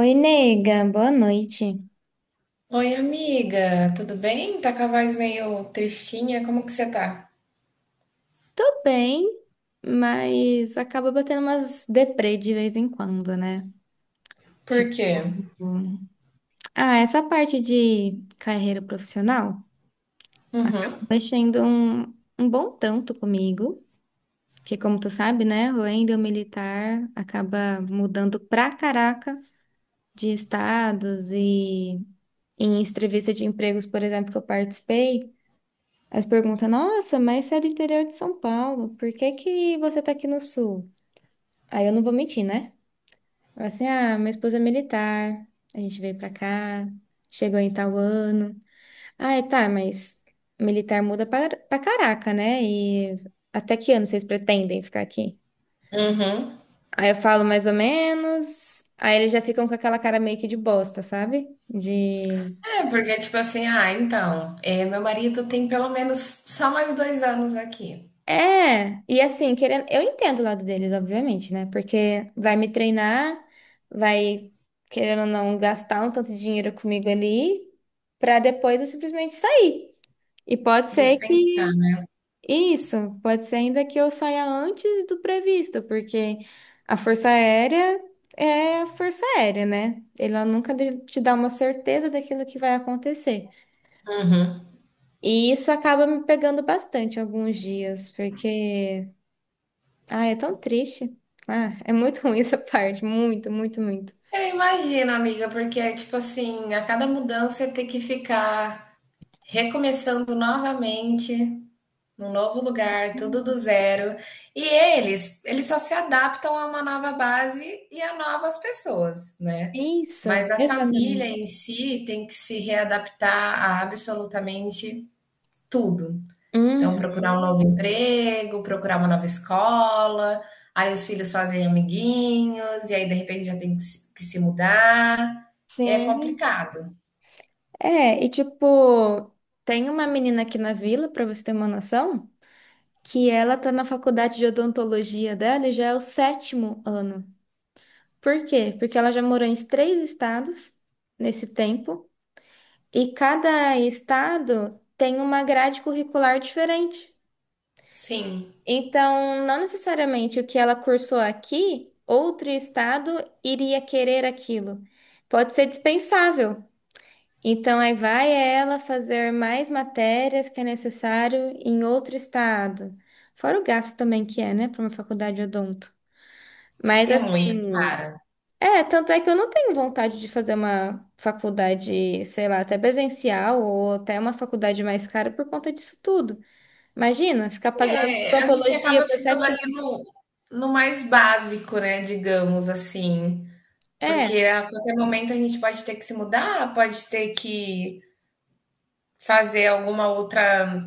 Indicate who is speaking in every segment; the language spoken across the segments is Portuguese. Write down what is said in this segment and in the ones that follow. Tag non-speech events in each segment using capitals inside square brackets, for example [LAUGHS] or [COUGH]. Speaker 1: Oi, nega, boa noite.
Speaker 2: Oi, amiga, tudo bem? Tá com a voz meio tristinha, como que você tá?
Speaker 1: Tô bem, mas acaba batendo umas deprê de vez em quando, né?
Speaker 2: Por quê?
Speaker 1: Tipo, ah, essa parte de carreira profissional
Speaker 2: Uhum,
Speaker 1: acaba mexendo um bom tanto comigo, que como tu sabe, né, o Wendel militar acaba mudando pra caraca de estados e em entrevista de empregos, por exemplo, que eu participei. Aí você pergunta, nossa, mas você é do interior de São Paulo, por que que você tá aqui no sul? Aí eu não vou mentir, né? Eu assim, ah, minha esposa é militar, a gente veio pra cá, chegou em tal ano. Ah, é, tá, mas militar muda pra caraca, né? E até que ano vocês pretendem ficar aqui?
Speaker 2: uhum.
Speaker 1: Aí eu falo mais ou menos, aí eles já ficam com aquela cara meio que de bosta, sabe? De...
Speaker 2: É, porque tipo assim, ah, então, é, meu marido tem pelo menos só mais dois anos aqui,
Speaker 1: É, e assim, querendo, eu entendo o lado deles, obviamente, né? Porque vai me treinar, vai, querendo ou não, gastar um tanto de dinheiro comigo ali, pra depois eu simplesmente sair. E pode ser que
Speaker 2: dispensado.
Speaker 1: isso, pode ser ainda que eu saia antes do previsto, porque a Força Aérea é a Força Aérea, né? Ela nunca te dá uma certeza daquilo que vai acontecer.
Speaker 2: Uhum.
Speaker 1: E isso acaba me pegando bastante alguns dias, porque ah, é tão triste. Ah, é muito [LAUGHS] ruim essa parte. Muito, muito, muito.
Speaker 2: Eu imagino, amiga, porque é tipo assim, a cada mudança tem que ficar recomeçando novamente, num novo lugar, tudo do
Speaker 1: Hum.
Speaker 2: zero. E eles só se adaptam a uma nova base e a novas pessoas, né?
Speaker 1: Isso.
Speaker 2: Mas a família em
Speaker 1: Exatamente.
Speaker 2: si tem que se readaptar a absolutamente tudo. Então,
Speaker 1: Uhum.
Speaker 2: procurar um novo emprego, procurar uma nova escola, aí os filhos fazem amiguinhos, e aí de repente já tem que se mudar. É
Speaker 1: Sim.
Speaker 2: complicado.
Speaker 1: É, e tipo, tem uma menina aqui na vila, pra você ter uma noção, que ela tá na faculdade de odontologia dela e já é o sétimo ano. Por quê? Porque ela já morou em 3 estados nesse tempo, e cada estado tem uma grade curricular diferente.
Speaker 2: Sim,
Speaker 1: Então, não necessariamente o que ela cursou aqui, outro estado iria querer aquilo. Pode ser dispensável. Então, aí vai ela fazer mais matérias que é necessário em outro estado. Fora o gasto também que é, né, para uma faculdade de odonto. Mas
Speaker 2: porque é muito
Speaker 1: assim,
Speaker 2: cara.
Speaker 1: é, tanto é que eu não tenho vontade de fazer uma faculdade, sei lá, até presencial ou até uma faculdade mais cara por conta disso tudo. Imagina, ficar pagando
Speaker 2: É, a gente
Speaker 1: odontologia
Speaker 2: acaba
Speaker 1: por
Speaker 2: ficando
Speaker 1: sete
Speaker 2: ali no mais básico, né, digamos assim, porque
Speaker 1: anos.
Speaker 2: a qualquer momento a gente pode ter que se mudar, pode ter que fazer alguma outra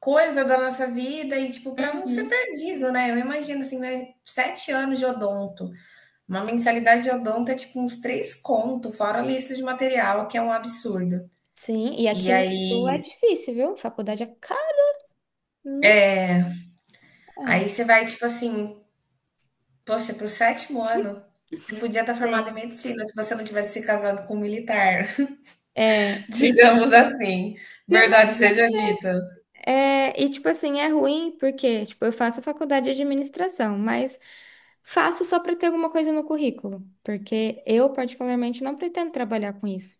Speaker 2: coisa da nossa vida e, tipo, para não ser
Speaker 1: Uhum.
Speaker 2: perdido, né. Eu imagino, assim, mas 7 anos de odonto, uma mensalidade de odonto é, tipo, uns 3 conto, fora a lista de material, que é um absurdo.
Speaker 1: Sim, e
Speaker 2: E
Speaker 1: aqui no Sul é
Speaker 2: aí
Speaker 1: difícil, viu? Faculdade é caro. No...
Speaker 2: aí
Speaker 1: É.
Speaker 2: você vai, tipo assim, poxa, pro sétimo ano, você podia estar formado
Speaker 1: Sei.
Speaker 2: em medicina se você não tivesse se casado com um militar, [LAUGHS]
Speaker 1: É, e tipo,
Speaker 2: digamos assim,
Speaker 1: mas
Speaker 2: verdade seja dita.
Speaker 1: é, e tipo assim, é ruim porque, tipo, eu faço faculdade de administração, mas faço só para ter alguma coisa no currículo, porque eu particularmente não pretendo trabalhar com isso.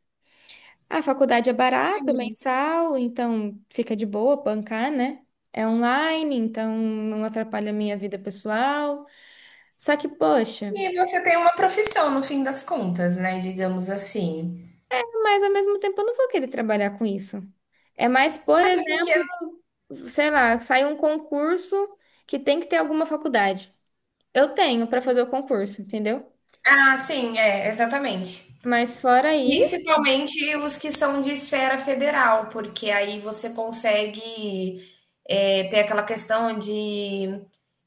Speaker 1: A faculdade é barata,
Speaker 2: Sim.
Speaker 1: mensal, então fica de boa bancar, né? É online, então não atrapalha a minha vida pessoal. Só que, poxa,
Speaker 2: E você tem uma profissão no fim das contas, né, digamos assim.
Speaker 1: mas ao mesmo tempo eu não vou querer trabalhar com isso. É mais, por
Speaker 2: Até porque,
Speaker 1: exemplo, sei lá, sai um concurso que tem que ter alguma faculdade. Eu tenho para fazer o concurso, entendeu?
Speaker 2: ah, sim, é, exatamente.
Speaker 1: Mas fora isso,
Speaker 2: Principalmente os que são de esfera federal, porque aí você consegue é, ter aquela questão de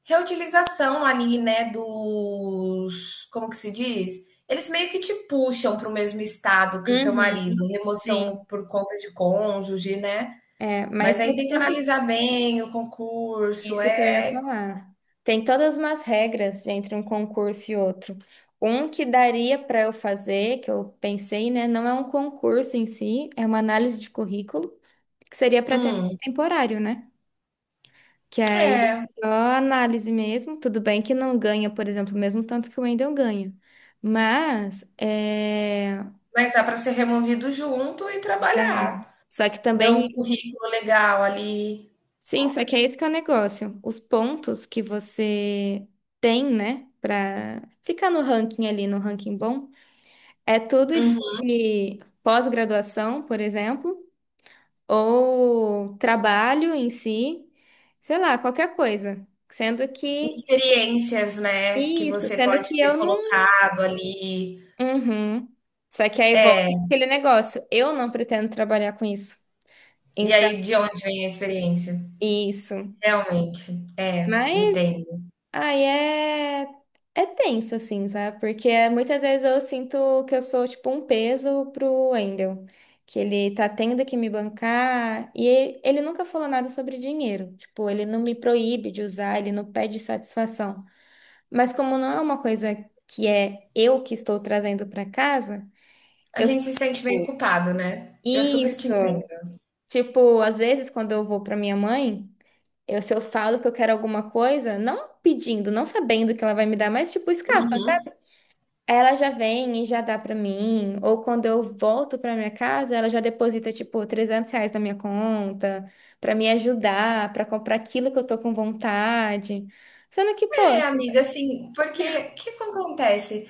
Speaker 2: reutilização ali, né, dos, como que se diz? Eles meio que te puxam para o mesmo estado que o seu
Speaker 1: uhum,
Speaker 2: marido, remoção
Speaker 1: sim.
Speaker 2: por conta de cônjuge, né?
Speaker 1: É, mas
Speaker 2: Mas aí
Speaker 1: tem
Speaker 2: tem que
Speaker 1: tudo
Speaker 2: analisar bem o concurso,
Speaker 1: isso que eu ia
Speaker 2: é,
Speaker 1: falar. Tem todas umas regras entre um concurso e outro. Um que daria para eu fazer, que eu pensei, né? Não é um concurso em si, é uma análise de currículo, que seria para ter
Speaker 2: hum,
Speaker 1: temporário, né? Que aí
Speaker 2: é,
Speaker 1: é só análise mesmo. Tudo bem que não ganha, por exemplo, o mesmo tanto que o Wendel ganha. Mas é.
Speaker 2: mas dá para ser removido junto e
Speaker 1: Dá.
Speaker 2: trabalhar.
Speaker 1: Só que
Speaker 2: Dão um
Speaker 1: também.
Speaker 2: currículo legal ali,
Speaker 1: Sim, só que é esse que é o negócio. Os pontos que você tem, né? Pra ficar no ranking ali, no ranking bom, é tudo de pós-graduação, por exemplo, ou trabalho em si, sei lá, qualquer coisa. Sendo que.
Speaker 2: experiências, né, que
Speaker 1: Isso,
Speaker 2: você
Speaker 1: sendo
Speaker 2: pode
Speaker 1: que
Speaker 2: ter
Speaker 1: eu não.
Speaker 2: colocado ali.
Speaker 1: Uhum. Só que aí volta aquele negócio. Eu não pretendo trabalhar com isso.
Speaker 2: E
Speaker 1: Então,
Speaker 2: aí, de onde vem a experiência?
Speaker 1: isso.
Speaker 2: Realmente, é,
Speaker 1: Mas
Speaker 2: entendo.
Speaker 1: aí é. É tenso, assim, sabe? Porque muitas vezes eu sinto que eu sou, tipo, um peso pro Wendel. Que ele tá tendo que me bancar. E ele nunca falou nada sobre dinheiro. Tipo, ele não me proíbe de usar, ele não pede satisfação. Mas como não é uma coisa que é eu que estou trazendo pra casa,
Speaker 2: A
Speaker 1: eu
Speaker 2: gente se sente meio
Speaker 1: fico.
Speaker 2: culpado, né? Eu super te
Speaker 1: Isso.
Speaker 2: entendo.
Speaker 1: Tipo, às vezes quando eu vou pra minha mãe, eu se eu falo que eu quero alguma coisa, não pedindo, não sabendo que ela vai me dar, mas tipo, escapa, sabe?
Speaker 2: Uhum.
Speaker 1: Aí ela já vem e já dá pra mim, ou quando eu volto pra minha casa, ela já deposita tipo R$ 300 na minha conta pra me ajudar, pra comprar aquilo que eu tô com vontade. Sendo que, pô,
Speaker 2: É, amiga, assim, porque o que que acontece?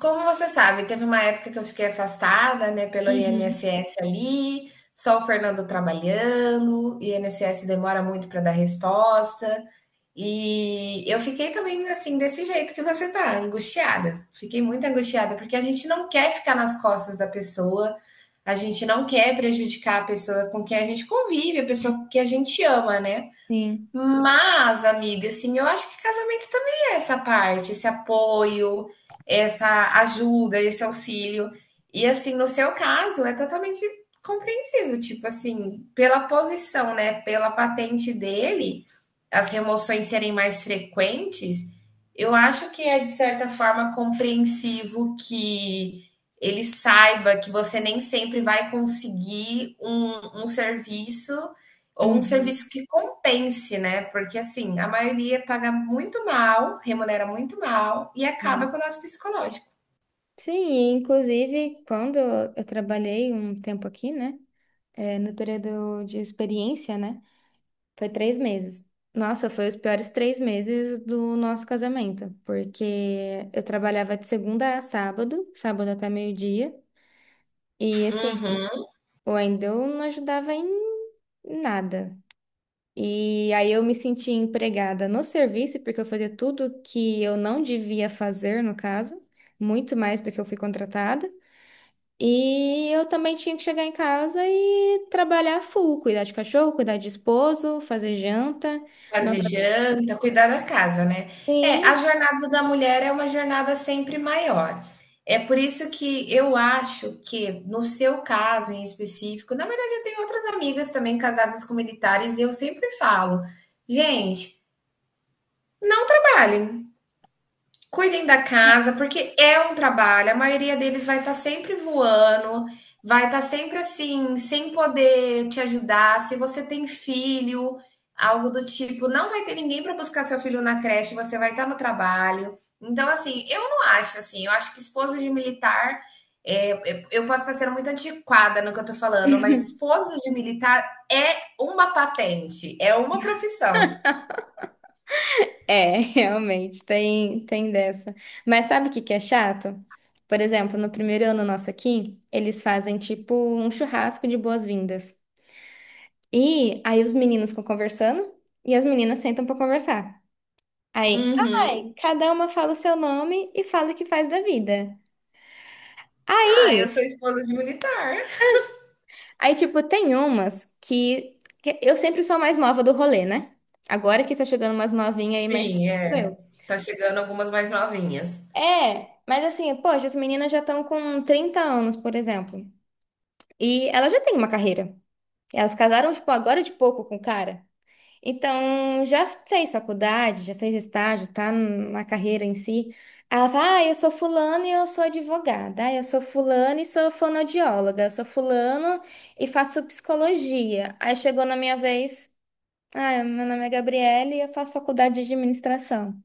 Speaker 2: Como você sabe, teve uma época que eu fiquei afastada, né, pelo
Speaker 1: uhum.
Speaker 2: INSS ali, só o Fernando trabalhando, o INSS demora muito para dar resposta. E eu fiquei também assim, desse jeito que você tá, angustiada. Fiquei muito angustiada, porque a gente não quer ficar nas costas da pessoa, a gente não quer prejudicar a pessoa com quem a gente convive, a pessoa que a gente ama, né?
Speaker 1: Sim.
Speaker 2: Mas, amiga, assim, eu acho que casamento também é essa parte, esse apoio, essa ajuda, esse auxílio. E, assim, no seu caso, é totalmente compreensível, tipo assim, pela posição, né, pela patente dele, as remoções serem mais frequentes, eu acho que é, de certa forma, compreensivo que ele saiba que você nem sempre vai conseguir um serviço ou um
Speaker 1: Uhum.
Speaker 2: serviço que compense, né? Porque assim, a maioria paga muito mal, remunera muito mal e acaba
Speaker 1: Sim.
Speaker 2: com o nosso psicológico.
Speaker 1: Sim, e inclusive, quando eu trabalhei um tempo aqui, né? É, no período de experiência, né? Foi 3 meses. Nossa, foi os piores 3 meses do nosso casamento, porque eu trabalhava de segunda a sábado, sábado até meio-dia, e assim,
Speaker 2: Uhum.
Speaker 1: o Wendel não ajudava em nada. E aí eu me sentia empregada no serviço, porque eu fazia tudo que eu não devia fazer, no caso, muito mais do que eu fui contratada. E eu também tinha que chegar em casa e trabalhar full, cuidar de cachorro, cuidar de esposo, fazer janta. Não.
Speaker 2: Fazer janta, cuidar da casa, né? É, a
Speaker 1: Sim.
Speaker 2: jornada da mulher é uma jornada sempre maior. É por isso que eu acho que, no seu caso em específico, na verdade, eu tenho outras amigas também casadas com militares e eu sempre falo, gente, não trabalhem. Cuidem da casa, porque é um trabalho. A maioria deles vai estar sempre voando, vai estar sempre assim, sem poder te ajudar. Se você tem filho, algo do tipo, não vai ter ninguém para buscar seu filho na creche, você vai estar no trabalho. Então, assim, eu não acho assim. Eu acho que esposa de militar, é, posso estar sendo muito antiquada no que eu estou falando, mas esposa de militar é uma patente, é uma profissão.
Speaker 1: É, [LAUGHS] realmente, tem dessa. Mas sabe o que que é chato? Por exemplo, no primeiro ano nosso aqui, eles fazem tipo um churrasco de boas-vindas. E aí os meninos ficam conversando e as meninas sentam pra conversar. Aí,
Speaker 2: Uhum.
Speaker 1: ai, cada uma fala o seu nome e fala o que faz da vida.
Speaker 2: Ah, eu sou esposa de militar.
Speaker 1: Aí, tipo, tem umas que eu sempre sou a mais nova do rolê, né? Agora que tá chegando umas novinhas aí, mas
Speaker 2: Sim,
Speaker 1: sou
Speaker 2: é.
Speaker 1: eu.
Speaker 2: Tá chegando algumas mais novinhas.
Speaker 1: É, mas assim, poxa, as meninas já estão com 30 anos, por exemplo. E ela já tem uma carreira. Elas casaram, tipo, agora de pouco com o cara. Então, já fez faculdade, já fez estágio, tá na carreira em si. Ela fala, ah, eu sou fulano e eu sou advogada. Ah, eu sou fulano e sou fonoaudióloga. Eu sou fulano e faço psicologia. Aí chegou na minha vez, ah, meu nome é Gabriele e eu faço faculdade de administração.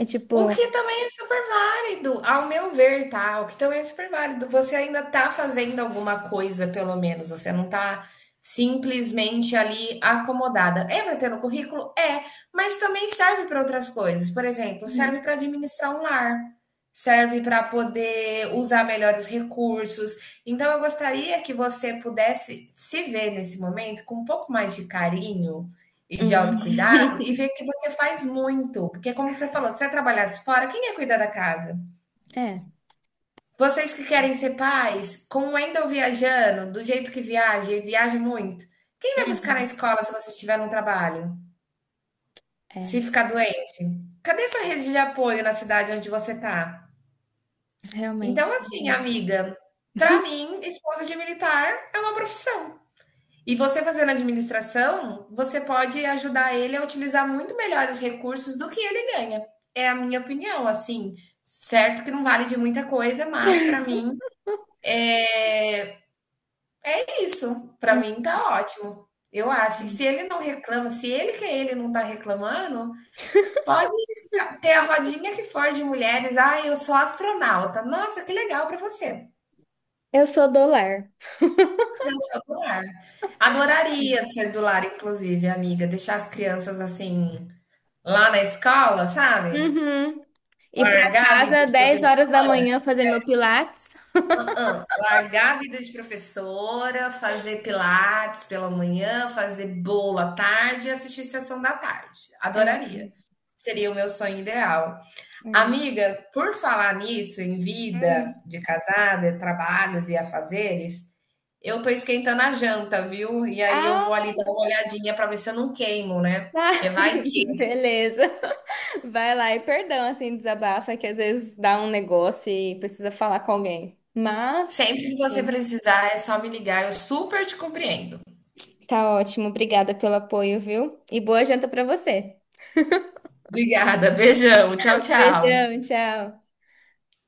Speaker 1: É
Speaker 2: O
Speaker 1: tipo...
Speaker 2: que também é super válido, ao meu ver, tá? O que também é super válido. Você ainda tá fazendo alguma coisa, pelo menos. Você não tá simplesmente ali acomodada. É para ter no currículo? É, mas também serve para outras coisas. Por exemplo,
Speaker 1: Uhum.
Speaker 2: serve para administrar um lar, serve para poder usar melhores recursos. Então, eu gostaria que você pudesse se ver nesse momento com um pouco mais de carinho e de
Speaker 1: Hum.
Speaker 2: autocuidado, e ver
Speaker 1: [LAUGHS]
Speaker 2: que você faz muito, porque como você falou, se você trabalhasse fora, quem ia cuidar da casa?
Speaker 1: É,
Speaker 2: Vocês que querem ser pais, como ainda eu viajando, do jeito que viaja, e viaja muito, quem vai buscar na escola se você estiver num trabalho? Se
Speaker 1: é,
Speaker 2: ficar doente? Cadê sua rede de apoio na cidade onde você tá?
Speaker 1: realmente.
Speaker 2: Então, assim,
Speaker 1: Uhum.
Speaker 2: amiga, pra mim, esposa de militar é uma profissão. E você fazendo administração, você pode ajudar ele a utilizar muito melhor os recursos do que ele ganha. É a minha opinião, assim. Certo que não vale de muita coisa, mas para mim é, é isso. Para mim
Speaker 1: [LAUGHS]
Speaker 2: tá ótimo. Eu acho. E se ele não reclama, se ele que é ele não tá reclamando, pode ter a rodinha que for de mulheres. Ah, eu sou astronauta. Nossa, que legal para você.
Speaker 1: Eu sou do lar.
Speaker 2: Eu sou do lar. Adoraria ser do lar, inclusive, amiga. Deixar as crianças assim lá na escola, sabe?
Speaker 1: Uhum. Ir pra
Speaker 2: Largar a vida
Speaker 1: casa
Speaker 2: de
Speaker 1: 10 horas da
Speaker 2: professora?
Speaker 1: manhã fazer meu pilates.
Speaker 2: Hã-hã. Largar a vida de professora, fazer pilates pela manhã, fazer bolo à tarde e assistir Sessão da Tarde.
Speaker 1: Ah,
Speaker 2: Adoraria. Seria o meu sonho ideal.
Speaker 1: é.
Speaker 2: Amiga, por falar nisso, em vida
Speaker 1: Hum.
Speaker 2: de casada, trabalhos e afazeres, eu tô esquentando a janta, viu? E aí eu vou
Speaker 1: Ah,
Speaker 2: ali dar uma olhadinha para ver se eu não queimo, né?
Speaker 1: tá.
Speaker 2: Porque vai...
Speaker 1: [LAUGHS] Beleza. Vai lá e perdão, assim, desabafa, que às vezes dá um negócio e precisa falar com alguém. Mas,
Speaker 2: Sempre que você
Speaker 1: enfim,
Speaker 2: precisar, é só me ligar, eu super te compreendo.
Speaker 1: tá ótimo. Obrigada pelo apoio, viu? E boa janta pra você.
Speaker 2: Obrigada, beijão, tchau, tchau.
Speaker 1: Beijão, tchau.